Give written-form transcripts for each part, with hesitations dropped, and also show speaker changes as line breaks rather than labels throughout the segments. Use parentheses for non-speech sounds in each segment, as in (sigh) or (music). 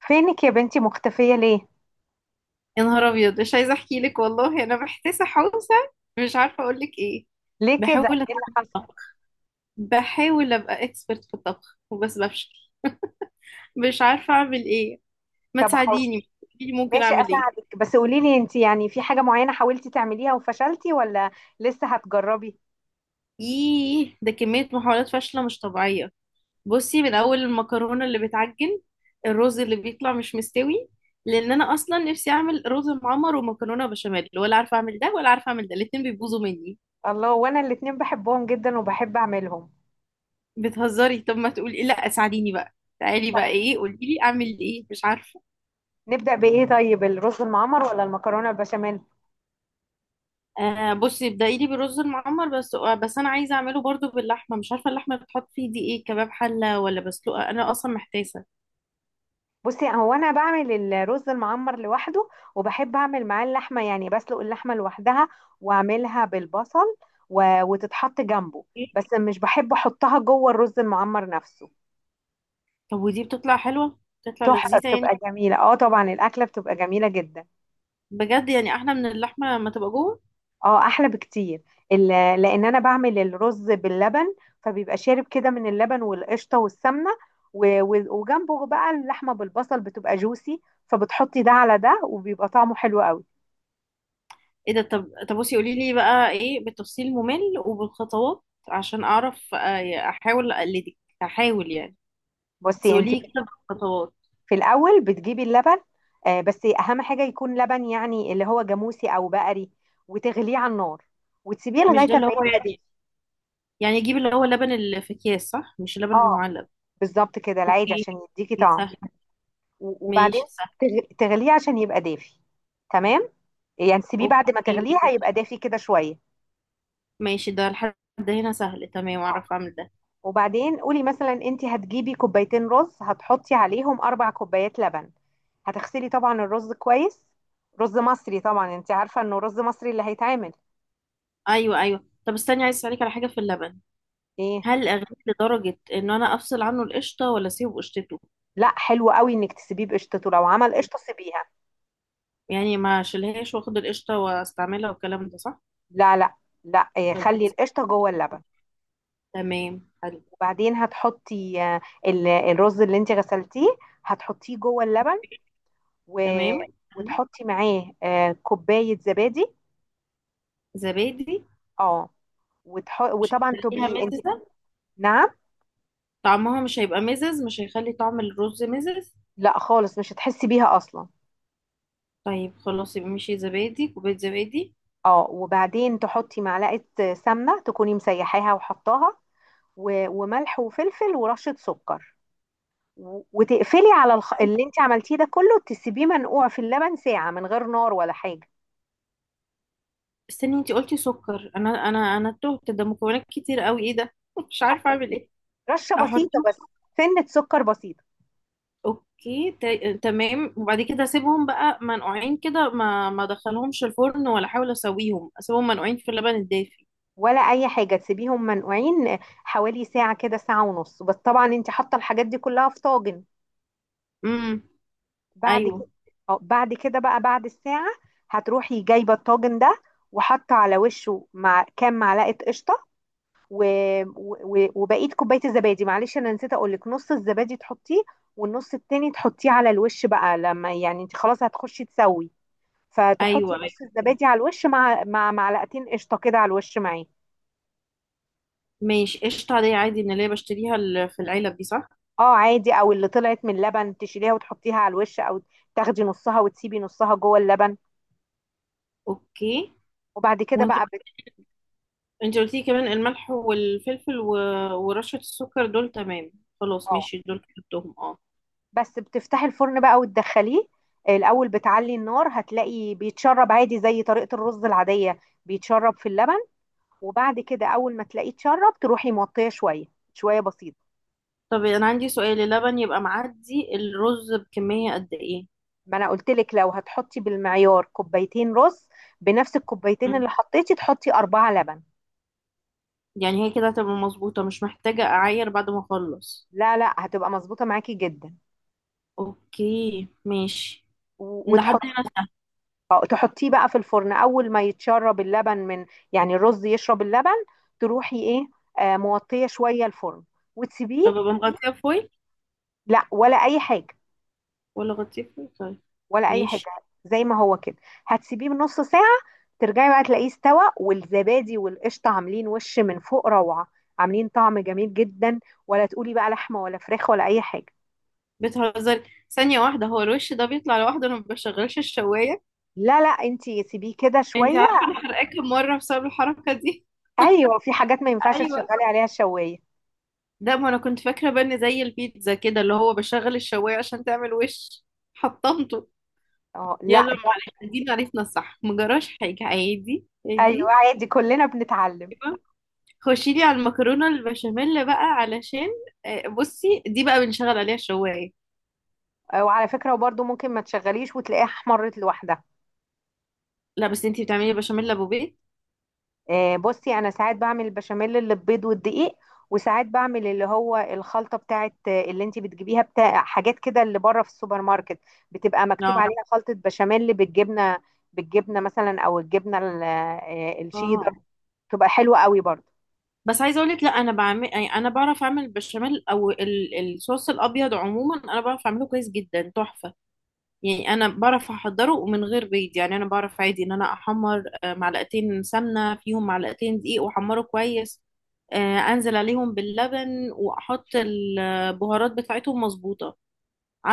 فينك يا بنتي مختفية ليه؟
يا نهار ابيض، مش عايزه احكي لك والله انا محتاسه حوسه. مش عارفه اقول لك ايه.
ليه
بحاول
كده؟ ايه اللي
اتعلم
حصل؟
الطبخ. بحاول ابقى اكسبرت في الطبخ وبس بفشل. مش عارفه اعمل ايه. ما
طب حاول.
تساعديني، قولي لي ممكن
ماشي
اعمل ايه.
اساعدك، بس قولي لي انت يعني في حاجة معينة حاولتي تعمليها وفشلتي، ولا لسه هتجربي؟
ايه ده؟ كميه محاولات فاشله مش طبيعيه. بصي، من اول المكرونه اللي بتعجن، الرز اللي بيطلع مش مستوي. لان انا اصلا نفسي اعمل رز معمر ومكرونه بشاميل، ولا عارفه اعمل ده ولا عارفه اعمل ده، الاتنين بيبوظوا مني.
الله، وانا الاتنين بحبهم جدا وبحب اعملهم.
بتهزري؟ طب ما تقولي لا، ساعديني بقى. تعالي بقى، ايه، قولي لي اعمل ايه، مش عارفه.
نبدأ بإيه طيب، الرز المعمر ولا المكرونة البشاميل؟
آه، بصي ابدأي لي بالرز المعمر، بس انا عايزه اعمله برضو باللحمه. مش عارفه اللحمه بتحط فيه دي ايه، كباب حله ولا بسلوقه؟ انا اصلا محتاسه.
بصي، هو انا بعمل الرز المعمر لوحده، وبحب اعمل معاه اللحمة، يعني بسلق اللحمة لوحدها واعملها بالبصل وتتحط جنبه،
ايه.
بس مش بحب احطها جوه الرز المعمر نفسه.
طب ودي بتطلع حلوه؟ بتطلع
تحفة،
لذيذه يعني؟
بتبقى جميلة، اه طبعا الأكلة بتبقى جميلة جدا.
بجد يعني احلى من اللحمه لما تبقى جوه.
اه أحلى بكتير. ال- لأن أنا بعمل الرز باللبن، فبيبقى شارب كده من اللبن والقشطة والسمنة، وجنبه بقى اللحمة بالبصل بتبقى جوسي، فبتحطي ده على ده وبيبقى طعمه حلو قوي.
ايه ده؟ طب طب، بصي قولي لي بقى ايه بالتفصيل ممل وبالخطوات، عشان اعرف احاول اقلدك، احاول يعني. بس
بصي انت،
قولي لي كده بالخطوات.
في الأول بتجيبي اللبن. آه بس أهم حاجة يكون لبن، يعني اللي هو جاموسي أو بقري، وتغليه على النار وتسيبيه
مش
لغاية
ده
ما
اللي هو
يبقى دافي.
يعني؟ يعني اجيب اللي هو اللبن اللي في اكياس، صح؟ مش اللبن
اه
المعلب.
بالظبط كده العادي
اوكي،
عشان يديكي
دي
طعم.
سهله.
وبعدين
ماشي سهل.
تغليه عشان يبقى دافي. تمام، يعني تسيبيه بعد ما
اوكي
تغليه هيبقى
ماشي.
دافي كده شويه.
ماشي، ده لحد هنا سهل، تمام، اعرف اعمل ده.
وبعدين قولي مثلا انت هتجيبي كوبايتين رز، هتحطي عليهم اربع كوبايات لبن. هتغسلي طبعا الرز كويس، رز مصري طبعا، انت عارفه انه رز مصري اللي هيتعمل.
ايوه ايوه، طب استني، عايز اسالك على حاجه في اللبن.
ايه؟
هل اغليه لدرجه ان انا افصل عنه القشطه، ولا اسيبه قشطته؟
لا حلو قوي انك تسيبيه بقشطته، لو عمل قشطه سيبيها.
يعني ما اشيلهاش، واخد القشطه واستعملها، والكلام ده صح؟
لا لا. لا إيه،
طب.
خلي القشطه جوه اللبن.
تمام، حلو.
وبعدين هتحطي الرز اللي انت غسلتيه، هتحطيه جوه اللبن، و...
تمام.
وتحطي معاه كوباية زبادي.
زبادي؟
اه.
مش
وطبعا
هتخليها
تبقي انت...
مززة؟
نعم؟
طعمها مش هيبقى مزز، مش هيخلي طعم الرز مزز؟
لا خالص، مش هتحسي بيها اصلا.
طيب خلاص، يبقى ماشي، زبادي، كوباية زبادي.
اه، وبعدين تحطي معلقة سمنة تكوني مسيحاها وحطاها، وملح وفلفل ورشة سكر، وتقفلي على اللي انت عملتيه ده كله، تسيبيه منقوع في اللبن ساعة من غير نار ولا حاجة.
استني، انتي قلتي سكر؟ انا تهت، ده مكونات كتير قوي. ايه ده؟ (laughs) مش عارفة اعمل ايه.
رشة بسيطة
احطهم؟
بس. سنة سكر بسيطة.
اوكي، تمام. وبعد كده اسيبهم بقى منقوعين كده، ما ادخلهمش الفرن ولا احاول اسويهم، اسيبهم منقوعين في اللبن الدافي؟
ولا اي حاجه، تسيبيهم منقوعين حوالي ساعه كده، ساعه ونص، بس طبعا انت حاطه الحاجات دي كلها في طاجن.
امم.
بعد كده.
ايوه
اه بعد كده بقى بعد الساعه هتروحي جايبه الطاجن ده، وحاطه على وشه مع كام معلقه قشطه، و... وبقيت كوبايه الزبادي. معلش، انا نسيت اقول لك، نص الزبادي تحطيه، والنص التاني تحطيه على الوش بقى، لما يعني انت خلاص هتخشي تسوي. فتحطي
ايوه ايوه،
نص الزبادي على الوش مع معلقتين قشطه كده على الوش معاه.
ماشي. قشطة عادية، عادي من اللي هي بشتريها في العلب دي، صح؟
اه عادي، او اللي طلعت من اللبن تشيليها وتحطيها على الوش، او تاخدي نصها وتسيبي نصها جوه اللبن.
اوكي.
وبعد كده بقى
انت قلتي كمان الملح والفلفل ورشة السكر، دول تمام.
اه
خلاص ماشي، دول كتبتهم، اه.
بس بتفتحي الفرن بقى وتدخليه. الاول بتعلي النار، هتلاقي بيتشرب عادي زي طريقة الرز العادية، بيتشرب في اللبن. وبعد كده اول ما تلاقيه اتشرب تروحي موطيه شوية، شوية بسيطة.
طب انا عندي سؤال، اللبن يبقى معدي الرز بكمية قد ايه؟
ما انا قلت لك لو هتحطي بالمعيار كوبايتين رز، بنفس الكوبايتين
مم.
اللي حطيتي تحطي أربعة لبن.
يعني هي كده هتبقى مظبوطة، مش محتاجة اعاير بعد ما اخلص؟
لا لا هتبقى مظبوطة معاكي جدا.
اوكي ماشي. لحد
وتحطي
هنا سهل.
اه تحطيه بقى في الفرن اول ما يتشرب اللبن، من يعني الرز يشرب اللبن. تروحي ايه، موطيه شويه الفرن وتسيبيه.
طب ابقى مغطية فويل،
لا، ولا اي حاجه.
ولا غطيه فويل؟ طيب
ولا اي حاجه،
ماشي.
زي ما هو كده. هتسيبيه بنص ساعه، ترجعي بقى تلاقيه استوى، والزبادي والقشطه عاملين وش من فوق روعه، عاملين طعم جميل جدا. ولا تقولي بقى لحمه ولا فراخ ولا اي حاجه.
بتهزري؟ ثانية واحدة، هو الوش ده بيطلع لوحده؟ انا ما بشغلش الشواية.
لا لا، انتي سيبيه كده
انت
شويه.
عارفة انا حرقاكي مرة بسبب الحركة دي.
ايوه، في حاجات ما ينفعش
ايوه.
تشغلي عليها الشوايه.
لا، ما انا كنت فاكره بقى ان زي البيتزا كده، اللي هو بشغل الشوايه عشان تعمل وش. حطمته.
اه.
يلا
لا
معلش، دي معرفنا الصح، مجراش حاجه، عادي
ايوه
عادي.
عادي، كلنا بنتعلم.
أيوة. خشي لي على المكرونه البشاميل بقى، علشان بصي، دي بقى بنشغل عليها الشوايه.
وعلى فكرة وبرده ممكن ما تشغليش وتلاقيها احمرت لوحدها.
لا، بس انتي بتعملي بشاميل ابو بيت؟
بصي انا ساعات بعمل البشاميل اللي ببيض والدقيق، وساعات بعمل اللي هو الخلطة بتاعت اللي انت بتجيبيها بتاع حاجات كده اللي بره في السوبر ماركت، بتبقى مكتوب
لا.
عليها خلطة بشاميل بالجبنة. بالجبنة مثلا، او الجبنة الشيدر،
اه،
بتبقى حلوة قوي برضه.
بس عايزه اقول لك، لا انا بعمل يعني، انا بعرف اعمل البشاميل او الصوص الابيض عموما، انا بعرف اعمله كويس جدا، تحفه. يعني انا بعرف احضره ومن غير بيض، يعني انا بعرف عادي ان انا احمر معلقتين سمنه فيهم معلقتين دقيق، واحمره كويس. انزل عليهم باللبن واحط البهارات بتاعتهم مظبوطه.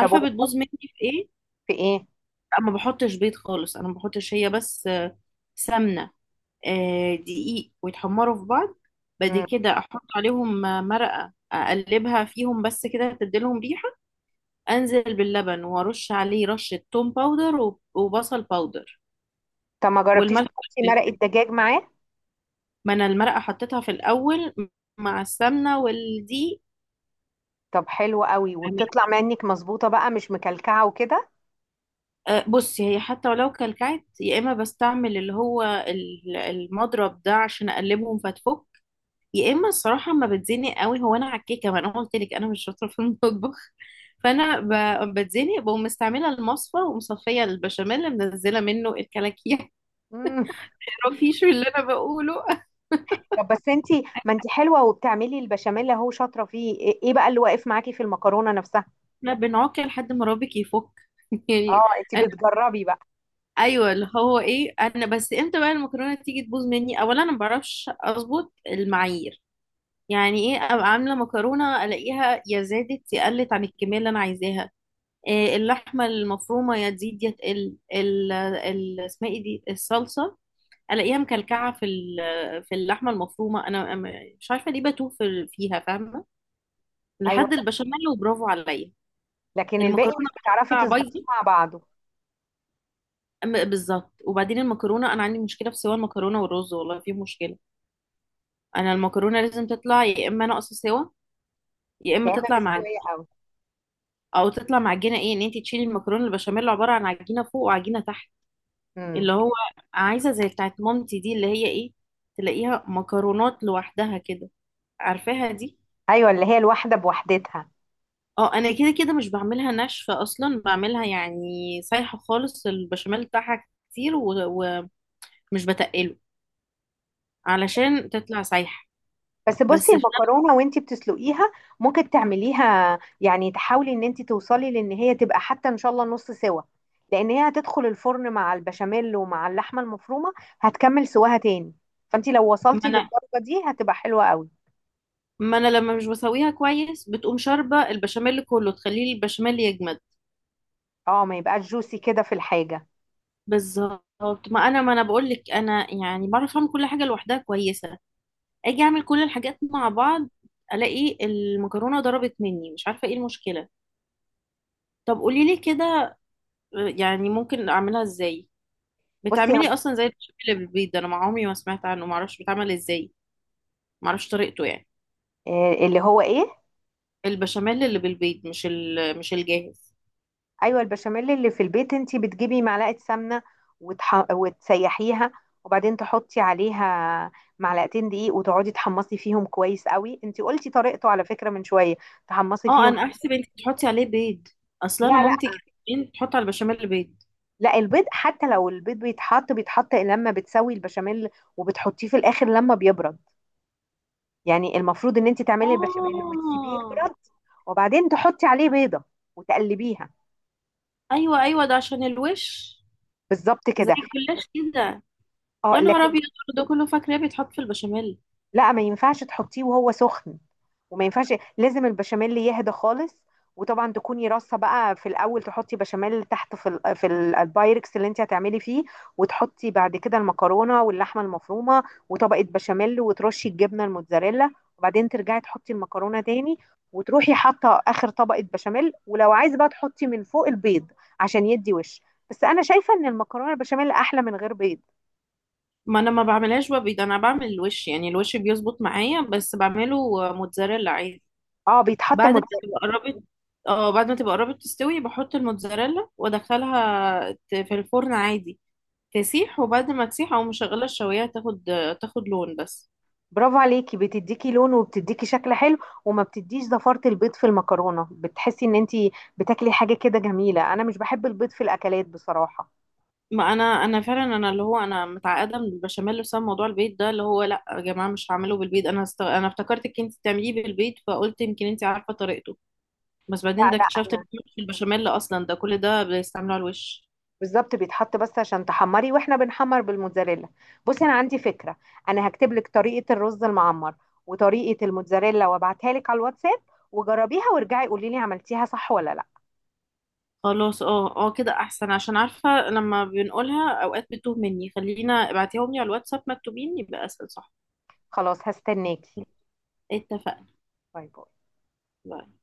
طب وبتحط
بتبوظ مني في ايه؟
في ايه؟
انا ما بحطش بيض خالص، انا ما بحطش، هي بس سمنه، دقيق، ويتحمروا في بعض. بعد
مم.
كده احط عليهم مرقه، اقلبها فيهم بس كده تديلهم ريحه. انزل باللبن وارش عليه رشه توم باودر وبصل باودر
طب ما جربتيش
والملح
تحطي مرق
والفلفل.
الدجاج معاه؟
ما انا المرقه حطيتها في الاول مع السمنه والدقيق.
طب حلو قوي،
أمين.
وبتطلع منك مظبوطة بقى، مش مكلكعة وكده؟
بصي، هي حتى ولو كلكعت، يا اما بستعمل اللي هو المضرب ده عشان اقلبهم فتفك، يا اما الصراحه ما بتزنق قوي. هو انا على الكيكه، ما انا قلت لك انا مش شاطره في المطبخ. (laughs) فانا بتزنق، بقوم مستعمله المصفى ومصفيه البشاميل اللي منزله منه الكلاكيع. (laughs)
مم.
تعرفيش اللي انا بقوله؟ (laughs)
طب بس انتي ما انتي حلوه وبتعملي البشاميل اهو، شاطره فيه. ايه ايه بقى اللي واقف معاكي في المكرونه نفسها؟
احنا بنعك لحد ما رابك يفك، (laughs) يعني.
اه، انتي بتجربي بقى.
ايوه، اللي هو ايه، انا بس امتى بقى المكرونه تيجي تبوظ مني؟ اولا انا ما بعرفش اظبط المعايير. يعني ايه، ابقى عامله مكرونه الاقيها يا زادت يا قلت عن الكميه اللي انا عايزاها. إيه، اللحمه المفرومه يا تزيد يا تقل، ال اسمها ايه دي، الصلصه. الاقيها مكلكعه في في اللحمه المفرومه. انا مش عارفه ليه بتوه فيها، فاهمه؟
ايوه،
لحد البشاميل وبرافو عليا.
لكن الباقي
المكرونه
مش بتعرفي
بتطلع
تظبطيه
بايظه.
مع بعضه.
بالظبط. وبعدين المكرونه، انا عندي مشكله في سوى المكرونه والرز، والله في مشكله. انا المكرونه لازم تطلع يا اما ناقصه سوا، يا اما
يا اما
تطلع مع،
مستويه قوي.
او تطلع معجنه. ايه ان انت تشيلي المكرونه البشاميل عباره عن عجينه فوق وعجينه تحت؟ اللي
امم.
هو عايزه زي بتاعت مامتي دي، اللي هي ايه، تلاقيها مكرونات لوحدها كده، عارفاها دي.
ايوه، اللي هي الواحده بوحدتها.
اه انا كده كده مش بعملها ناشفه اصلا، بعملها يعني سايحه خالص، البشاميل بتاعها كتير ومش بتقله علشان تطلع سايحه.
بس
بس
بصي
في نفس-
المكرونه وانتي بتسلقيها، ممكن تعمليها يعني تحاولي ان انتي توصلي لان هي تبقى حتى ان شاء الله نص سوا، لان هي هتدخل الفرن مع البشاميل ومع اللحمه المفرومه، هتكمل سواها تاني. فانتي لو
ما
وصلتي
انا
للدرجه دي هتبقى حلوه قوي.
ما انا لما مش بسويها كويس، بتقوم شاربه البشاميل كله، تخليه البشاميل يجمد.
اه، ما يبقاش جوسي كده في الحاجه.
بالظبط. ما انا بقول لك انا يعني بعرف اعمل كل حاجه لوحدها كويسه، اجي اعمل كل الحاجات مع بعض الاقي المكرونه ضربت مني، مش عارفه ايه المشكله. طب قولي لي كده، يعني ممكن اعملها ازاي؟
بصي
بتعملي اصلا زي البشاميل اللي بالبيض ده؟ انا مع عمري ما سمعت عنه، ما اعرفش بيتعمل ازاي، ما اعرفش طريقته يعني.
اللي هو ايه.
البشاميل اللي بالبيض، مش مش الجاهز.
ايوه، البشاميل اللي في البيت انتي بتجيبي معلقه سمنه وتسيحيها، وبعدين تحطي عليها معلقتين دقيق، وتقعدي تحمصي فيهم كويس قوي. انتي قلتي طريقته على فكره من شويه. تحمصي
اه
فيهم.
انا احسب انت بتحطي عليه بيض،
لا
اصلا انا
لا.
مامتي كانت بتحط على البشاميل بيض.
لا، البيض حتى لو البيض بيتحط، بيتحط لما بتسوي البشاميل، وبتحطيه في الاخر لما بيبرد. يعني المفروض ان انتي تعملي البشاميل وتسيبيه
اه.
يبرد، وبعدين تحطي عليه بيضه وتقلبيها.
ايوه ايوه، ده عشان الوش،
بالظبط
زي
كده.
الجلاش كده.
اه
يا نهار
لكن...
ابيض، ده كله فاكراه بيتحط في البشاميل.
لا، ما ينفعش تحطيه وهو سخن، وما ينفعش، لازم البشاميل يهدى خالص. وطبعا تكوني رصه بقى، في الاول تحطي بشاميل تحت البايركس اللي انت هتعملي فيه، وتحطي بعد كده المكرونه واللحمه المفرومه، وطبقه بشاميل وترشي الجبنه الموتزاريلا. وبعدين ترجعي تحطي المكرونه تاني، وتروحي حاطه اخر طبقه بشاميل، ولو عايزه بقى تحطي من فوق البيض عشان يدي وش. بس انا شايفه ان المكرونه البشاميل احلى من غير بيض.
ما انا ما بعملهاش ببيض، انا بعمل الوش يعني، الوش بيظبط معايا. بس بعمله موتزاريلا عادي،
اه، بيتحط.
بعد ما تبقى قربت. اه بعد ما تبقى قربت تستوي، بحط الموتزاريلا وادخلها في الفرن عادي، تسيح. وبعد ما تسيح، او مشغله الشوايه، تاخد لون بس.
برافو عليكي، بتديكي لون وبتديكي شكل حلو، وما بتديش زفارة البيض في المكرونة. بتحسي ان انتي بتاكلي حاجة كده جميلة. انا مش بحب البيض في الاكلات بصراحة.
ما انا فعلا، انا اللي هو، انا متعقده من البشاميل بسبب موضوع البيض ده، اللي هو لا يا جماعه مش هعمله بالبيض. انا انا افتكرتك انت بتعمليه بالبيض، فقلت يمكن انت عارفه طريقته. بس
لا
بعدين ده
لا.
اكتشفت ان
انا
في البشاميل اصلا، ده كل ده بيستعملوه على الوش.
بالظبط بيتحط بس عشان تحمري، واحنا بنحمر بالموتزاريلا. بصي انا عندي فكرة، انا هكتب لك طريقة الرز المعمر وطريقة الموتزاريلا وابعتها لك على الواتساب، وجربيها وارجعي قولي لي عملتيها صح ولا لا.
خلاص، اه اه، كده احسن، عشان عارفه لما بنقولها اوقات بتوه مني. خلينا ابعتيهم لي على الواتساب مكتوبين يبقى اسهل، صح؟
خلاص هستناكي.
إيه، اتفقنا.
باي باي.
باي.